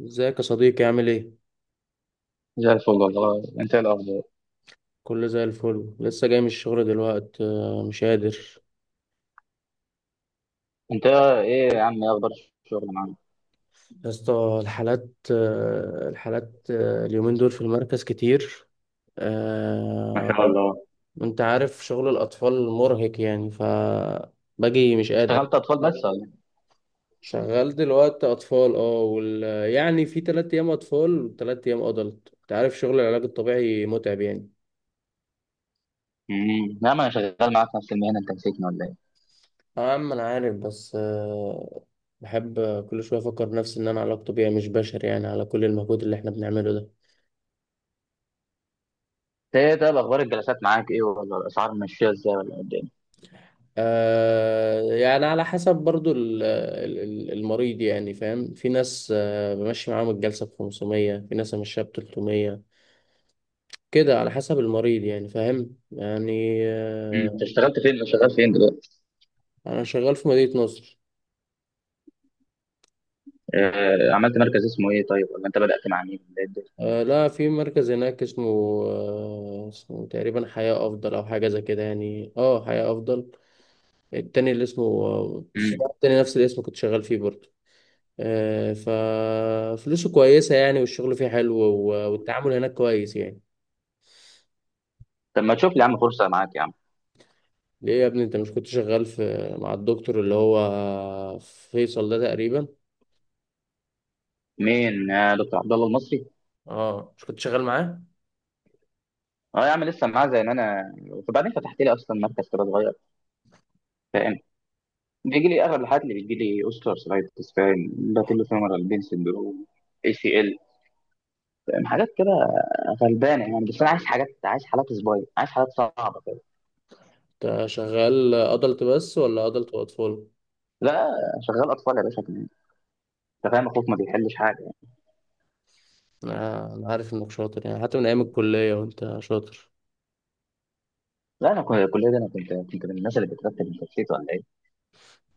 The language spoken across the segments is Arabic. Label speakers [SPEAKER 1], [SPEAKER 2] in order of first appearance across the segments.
[SPEAKER 1] ازيك يا صديقي؟ عامل ايه؟
[SPEAKER 2] زي الفل والله. انت ايه الاخبار؟
[SPEAKER 1] كله زي الفل، لسه جاي من الشغل دلوقتي، مش قادر.
[SPEAKER 2] انت ايه يا عم، ايه اخبار الشغل معاك؟
[SPEAKER 1] يا اسطى الحالات، الحالات، اليومين دول في المركز كتير.
[SPEAKER 2] ما
[SPEAKER 1] آه،
[SPEAKER 2] شاء الله.
[SPEAKER 1] انت عارف شغل الأطفال مرهق، يعني ف باجي مش قادر.
[SPEAKER 2] اشتغلت اطفال بس ولا ايه؟
[SPEAKER 1] شغال دلوقتي أطفال اه يعني في تلات أيام أطفال وتلات أيام أدلت. انت عارف شغل العلاج الطبيعي متعب يعني.
[SPEAKER 2] لا، ما انا شغال معاك نفس المهنه. انت نسيتني ولا ايه؟
[SPEAKER 1] اه يا عم انا عارف، بس بحب. كل شويه افكر نفسي ان انا علاج طبيعي مش بشري يعني، على كل المجهود اللي احنا بنعمله ده.
[SPEAKER 2] انت ايه طيب، اخبار الجلسات معاك، ايه ولا الاسعار ماشيه ازاي، ولا قد ايه؟
[SPEAKER 1] آه، يعني على حسب برضو المريض. يعني فاهم، في ناس آه بمشي معاهم الجلسه ب 500، في ناس امشيها ب 300. كده على حسب المريض يعني. فاهم؟ يعني
[SPEAKER 2] انت
[SPEAKER 1] آه.
[SPEAKER 2] اشتغلت فين، شغال فين دلوقتي؟
[SPEAKER 1] انا شغال في مدينه نصر.
[SPEAKER 2] اه، عملت مركز اسمه ايه طيب، ولا انت بدات مع مين، ولا ايه الدنيا؟
[SPEAKER 1] آه لا، في مركز هناك اسمه، آه اسمه تقريبا حياه افضل او حاجه زي كده، يعني اه حياه افضل. التاني اللي اسمه،
[SPEAKER 2] امم
[SPEAKER 1] التاني نفس الاسم كنت شغال فيه برضه. آه، ففلوسه كويسة يعني، والشغل فيه حلو والتعامل هناك كويس يعني.
[SPEAKER 2] طب ما تشوف لي يا عم فرصه معاك يا عم.
[SPEAKER 1] ليه يا ابني؟ انت مش كنت شغال في، مع الدكتور اللي هو فيصل ده تقريبا؟
[SPEAKER 2] مين، يا دكتور عبد الله المصري؟
[SPEAKER 1] اه مش كنت شغال معاه؟
[SPEAKER 2] اه يا عم، لسه معاه زي ما انا. وبعدين فتحت لي اصلا مركز كده صغير. بيجي لي اغلب الحالات اللي بيجي لي، اوستر سلايتس، فاهم، باتيلو فيمورال بين سندروم، ACL، فاهم حاجات كده. غلبانه يعني. بس انا عايز حاجات، عايز حالات صبايا، عايز حالات صعبه كده.
[SPEAKER 1] انت شغال ادلت بس ولا ادلت واطفال؟
[SPEAKER 2] لا، شغال اطفال يا باشا كمان. انت فاهم اخوك ما بيحلش حاجه يعني.
[SPEAKER 1] أنا عارف انك شاطر، يعني حتى من ايام الكلية وانت شاطر.
[SPEAKER 2] لا، انا كنت الكليه دي، انا كنت من الناس اللي بترتب، الترتيب ولا ايه؟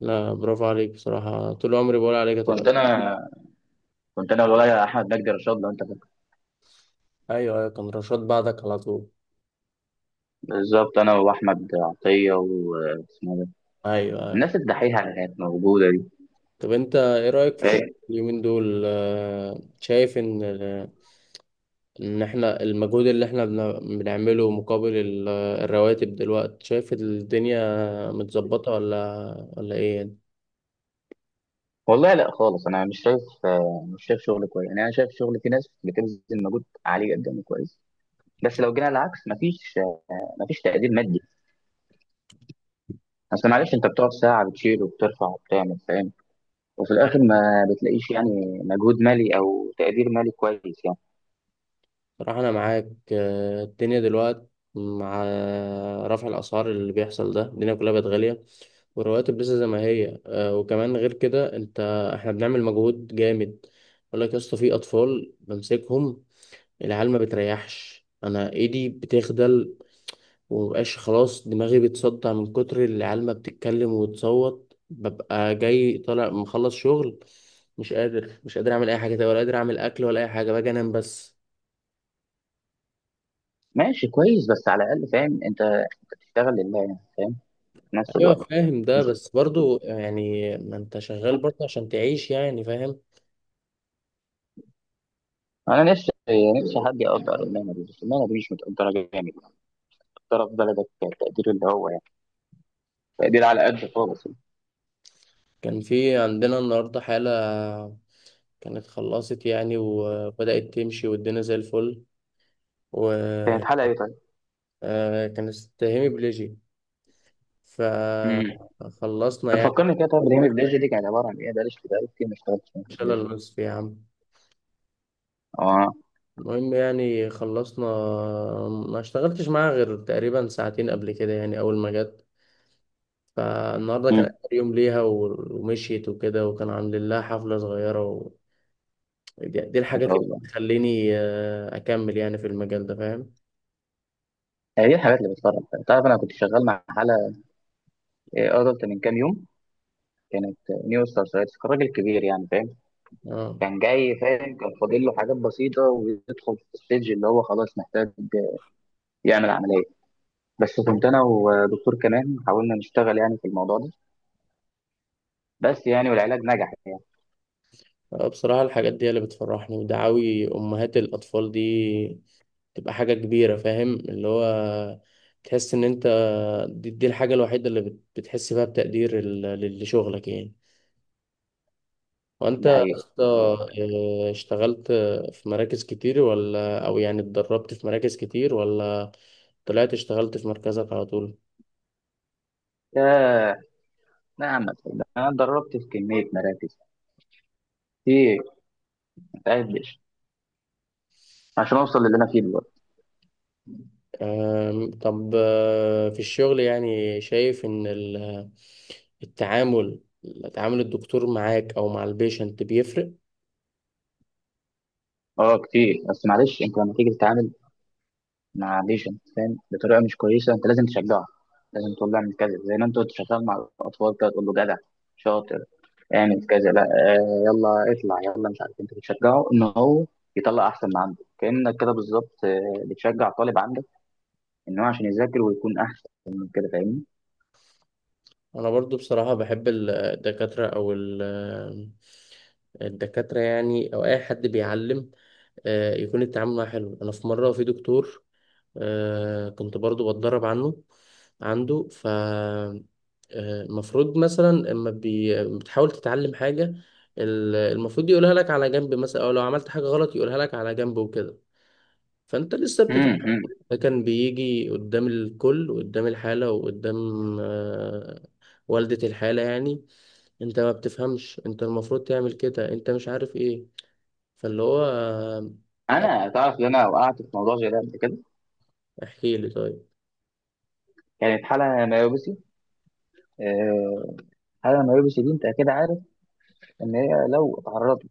[SPEAKER 1] لا برافو عليك بصراحة، طول عمري بقول عليك هتبقى.
[SPEAKER 2] كنت انا كنت انا والولا احمد مجدي رشاد، لو انت فاكر.
[SPEAKER 1] ايوه ايوه، كان رشاد بعدك على طول.
[SPEAKER 2] بالظبط، انا واحمد عطيه واسمه ده.
[SPEAKER 1] ايوه،
[SPEAKER 2] الناس
[SPEAKER 1] أيوة.
[SPEAKER 2] الدحيحه اللي كانت موجوده دي.
[SPEAKER 1] طب انت ايه رأيك في الشغل
[SPEAKER 2] إيه،
[SPEAKER 1] اليومين دول؟ شايف ان، ان احنا المجهود اللي احنا بنعمله مقابل الرواتب دلوقتي، شايف الدنيا متظبطة ولا ايه يعني؟
[SPEAKER 2] والله لا خالص. انا مش شايف آه، مش شايف شغل كويس يعني. انا شايف شغل في ناس بتبذل مجهود عالي جدا وكويس. بس لو جينا العكس، مفيش تقدير مادي. اصل معلش، انت بتقعد ساعه بتشيل وبترفع وبتعمل، فاهم، وفي الاخر
[SPEAKER 1] يعني
[SPEAKER 2] ما بتلاقيش يعني مجهود مالي او تقدير مالي كويس يعني.
[SPEAKER 1] صراحة انا معاك، الدنيا دلوقتي مع رفع الاسعار اللي بيحصل ده، الدنيا كلها بقت غالية والرواتب لسه زي ما هي. وكمان غير كده، انت، احنا بنعمل مجهود جامد. يقول لك يا اسطى في اطفال بمسكهم، العيال ما بتريحش، انا ايدي بتخدل ومبقاش خلاص، دماغي بتصدع من كتر العيال ما بتتكلم وتصوت. ببقى جاي طالع مخلص شغل مش قادر، مش قادر اعمل اي حاجه تانية، ولا قادر اعمل اكل ولا اي حاجه، باجي انام بس.
[SPEAKER 2] ماشي كويس، بس على الاقل فاهم أنت بتشتغل لله يعني، فاهم، في نفس
[SPEAKER 1] ايوه
[SPEAKER 2] الوقت.
[SPEAKER 1] فاهم ده، بس برضو يعني ما انت شغال برضو عشان تعيش يعني، فاهم.
[SPEAKER 2] انا نفسي نفسي حد يقدر المهنه دي، بس المهنه دي مش متقدره جامد. متقدره في بلدك التقدير اللي هو يعني تقدير على قد خالص يعني.
[SPEAKER 1] كان في عندنا النهارده حاله كانت خلصت يعني وبدأت تمشي والدنيا زي الفل،
[SPEAKER 2] كانت حلقه ايه؟
[SPEAKER 1] وكانت هيمي بليجي،
[SPEAKER 2] طيب؟
[SPEAKER 1] فخلصنا يعني.
[SPEAKER 2] بتفكرني كده. طب ليه الداجي دي كانت عباره عن ايه؟ بقالي كتير بقالي كتير ما اشتغلتش في
[SPEAKER 1] ان شاء الله
[SPEAKER 2] الداجي.
[SPEAKER 1] الوصف يا عم.
[SPEAKER 2] اه.
[SPEAKER 1] المهم يعني خلصنا. ما اشتغلتش معاها غير تقريبا ساعتين قبل كده يعني، اول ما جت. فالنهارده كان
[SPEAKER 2] امم
[SPEAKER 1] اخر يوم ليها ومشيت وكده، وكان عاملين لها حفله صغيره دي
[SPEAKER 2] ما
[SPEAKER 1] الحاجات
[SPEAKER 2] شاء
[SPEAKER 1] اللي
[SPEAKER 2] الله.
[SPEAKER 1] بتخليني اكمل يعني في المجال ده، فاهم.
[SPEAKER 2] هي دي الحاجات اللي بتفرج فيها. تعرف، انا كنت شغال مع حاله، إيه، ادلت من كام يوم. كانت، نيو ستار سايتس، كان راجل كبير يعني، فاهم.
[SPEAKER 1] اه
[SPEAKER 2] كان جاي، فاهم، كان فاضل له حاجات بسيطه ويدخل في الستيج اللي هو خلاص محتاج يعمل عمليه. بس كنت انا ودكتور كمان حاولنا نشتغل يعني في الموضوع ده، بس يعني والعلاج نجح يعني.
[SPEAKER 1] بصراحه، الحاجات دي هي اللي بتفرحني، ودعاوي امهات الاطفال دي تبقى حاجة كبيرة، فاهم اللي هو تحس ان انت، دي الحاجة الوحيدة اللي بتحس فيها بتقدير لشغلك يعني. وانت
[SPEAKER 2] ده
[SPEAKER 1] يا
[SPEAKER 2] حقيقي
[SPEAKER 1] اسطى،
[SPEAKER 2] ده حقيقي.
[SPEAKER 1] اشتغلت في مراكز كتير ولا، او يعني اتدربت في مراكز كتير ولا طلعت اشتغلت في مركزك على طول؟
[SPEAKER 2] ياه، نعم. أنا اتدربت في كمية مراكز كتير متقدش، عشان اوصل للي انا فيه دلوقتي.
[SPEAKER 1] آم، طب في الشغل يعني، شايف ان التعامل، تعامل الدكتور معاك او مع البيشنت بيفرق؟
[SPEAKER 2] اه كتير. بس معلش، انت لما تيجي تتعامل مع ليجند فاهم بطريقه مش كويسه، انت لازم تشجعه. لازم تقول له اعمل كذا، زي ما انت كنت شغال مع الاطفال كده، تقول له جدع، شاطر، اعمل كذا، لا، آه، يلا اطلع يلا، مش عارف إيه. انت بتشجعه ان هو يطلع احسن ما عنده، كانك كده بالظبط، بتشجع طالب عندك ان هو عشان يذاكر ويكون احسن من كده، فاهمني؟
[SPEAKER 1] انا برضو بصراحة بحب الدكاترة او الدكاترة يعني، او اي حد بيعلم، يكون التعامل معاه حلو. انا في مرة في دكتور كنت برضو بتدرب عنه، عنده ف المفروض مثلا لما بتحاول تتعلم حاجة، المفروض يقولها لك على جنب مثلا، او لو عملت حاجة غلط يقولها لك على جنب وكده، فانت لسه بتتعلم.
[SPEAKER 2] امم
[SPEAKER 1] ده كان بيجي قدام الكل وقدام الحالة وقدام آه، والدة الحالة يعني، انت ما بتفهمش، انت المفروض تعمل كده، انت مش عارف ايه. فاللي هو آه.
[SPEAKER 2] انا تعرف ان انا وقعت في موضوع زي ده قبل كده.
[SPEAKER 1] احكي لي طيب.
[SPEAKER 2] كانت حاله مايوبسي. آه، حاله مايوبسي دي انت اكيد عارف ان هي لو اتعرضت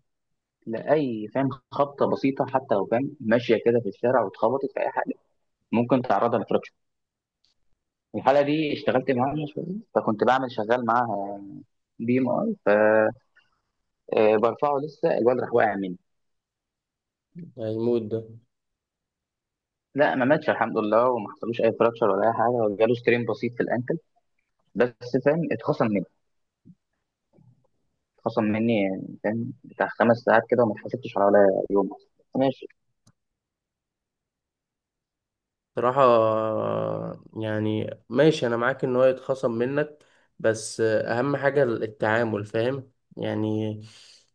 [SPEAKER 2] لأي، فاهم، خبطة بسيطة، حتى لو، فاهم، ماشية كده في الشارع واتخبطت في أي حاجة، ممكن تعرضها لفراكشر. الحالة دي اشتغلت معاها شوية. فكنت بعمل شغال معاها BMI. فبرفعه لسه الواد راح واقع مني.
[SPEAKER 1] هيموت ده.
[SPEAKER 2] لا، ما ماتش الحمد لله، وما حصلوش اي فراكشر ولا اي حاجه، وجاله سترين بسيط في الانكل. بس فاهم اتخصم مني. اتخصم مني يعني، فاهم، بتاع 5 ساعات كده، وما اتحاسبتش على ولا يوم أصلاً. ماشي.
[SPEAKER 1] صراحة يعني ماشي انا معاك ان هو يتخصم منك، بس اهم حاجة التعامل، فاهم يعني.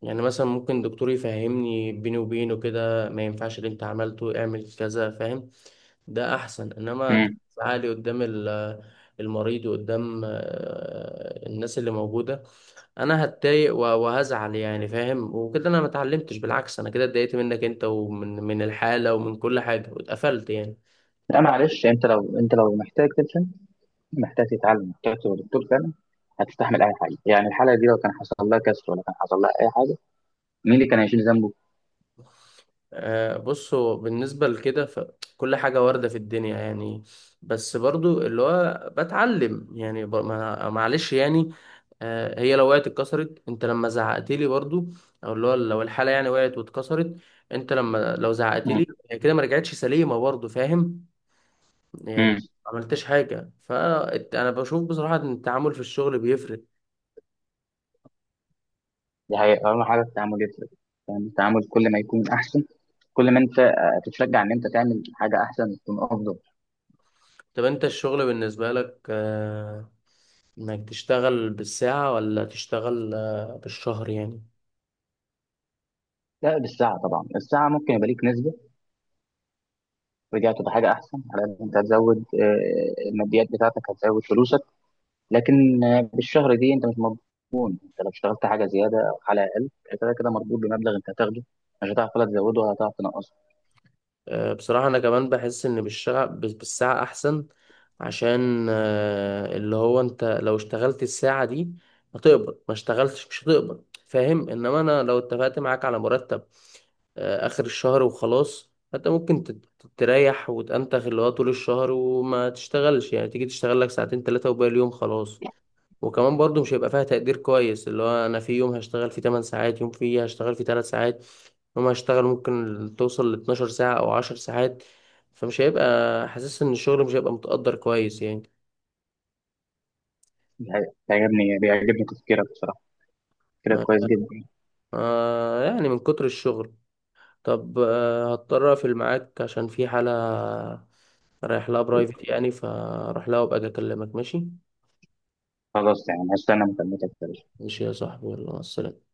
[SPEAKER 1] يعني مثلا ممكن دكتور يفهمني بيني وبينه كده، ما ينفعش اللي انت عملته، اعمل كذا، فاهم، ده احسن. انما
[SPEAKER 2] مم.
[SPEAKER 1] تعالي قدام المريض وقدام الناس اللي موجوده، انا هتضايق وهزعل يعني، فاهم، وكده انا ما اتعلمتش. بالعكس انا كده اتضايقت منك انت، ومن الحاله ومن كل حاجه، واتقفلت يعني.
[SPEAKER 2] لا معلش، انت لو محتاج تلحق، محتاج تتعلم، محتاج تبقى دكتور فعلا، هتستحمل اي حاجه يعني. الحلقه دي لو كان حصل لها كسر، ولا كان حصل لها اي حاجه، مين اللي كان هيشيل ذنبه؟
[SPEAKER 1] بصوا، بالنسبه لكده فكل حاجه وارده في الدنيا يعني، بس برضو اللي هو بتعلم يعني معلش يعني. هي لو وقعت اتكسرت، انت لما زعقت لي برضو، او اللي هو لو الحاله يعني وقعت واتكسرت، انت لما لو زعقت لي،
[SPEAKER 2] مم.
[SPEAKER 1] هي كده ما رجعتش سليمه برضو، فاهم يعني.
[SPEAKER 2] مم.
[SPEAKER 1] ما عملتش حاجه. فانا بشوف بصراحه ان التعامل في الشغل بيفرق.
[SPEAKER 2] دي حقيقة، اهم حاجه التعامل يفرق. يعني التعامل كل ما يكون احسن، كل ما انت تتشجع ان انت تعمل حاجه احسن، تكون افضل.
[SPEAKER 1] طب انت الشغل بالنسبه لك انك تشتغل بالساعه ولا تشتغل بالشهر يعني؟
[SPEAKER 2] لا، بالساعه طبعا. الساعه ممكن يبقى ليك نسبه، رجعت بحاجه احسن. على قد انت هتزود، الماديات بتاعتك هتزود فلوسك. لكن بالشهر دي انت مش مربوط. انت لو اشتغلت حاجه زياده او حاجه اقل، أنت كده كده مربوط بمبلغ انت هتاخده. مش هتعرف ولا تزوده ولا هتعرف تنقصه.
[SPEAKER 1] بصراحة أنا كمان بحس إن بالساعة أحسن، عشان اللي هو أنت لو اشتغلت الساعة دي هتقبض، ما اشتغلتش مش هتقبض، فاهم. إنما أنا لو اتفقت معاك على مرتب آخر الشهر وخلاص، فأنت ممكن تريح وتأنتخ، اللي هو طول الشهر وما تشتغلش يعني، تيجي تشتغل لك ساعتين تلاتة وباقي اليوم خلاص. وكمان برضو مش هيبقى فيها تقدير كويس، اللي هو انا في يوم هشتغل فيه 8 ساعات، يوم فيه هشتغل فيه 3 ساعات، يوم هشتغل ممكن توصل ل 12 ساعة او 10 ساعات. فمش هيبقى، حاسس ان الشغل مش هيبقى متقدر كويس يعني.
[SPEAKER 2] دي حقيقة. بيعجبني تفكيرك بصراحة، تفكيرك
[SPEAKER 1] ما
[SPEAKER 2] كويس جدا.
[SPEAKER 1] يعني من كتر الشغل. طب آه هضطر اقفل معاك، عشان في حالة رايح لها برايفت يعني، فاروح لها وابقى اجي اكلمك، ماشي؟
[SPEAKER 2] خلاص يعني، هستنى مكالمتك يا باشا.
[SPEAKER 1] ماشي يا صاحبي، يلا مع السلامة.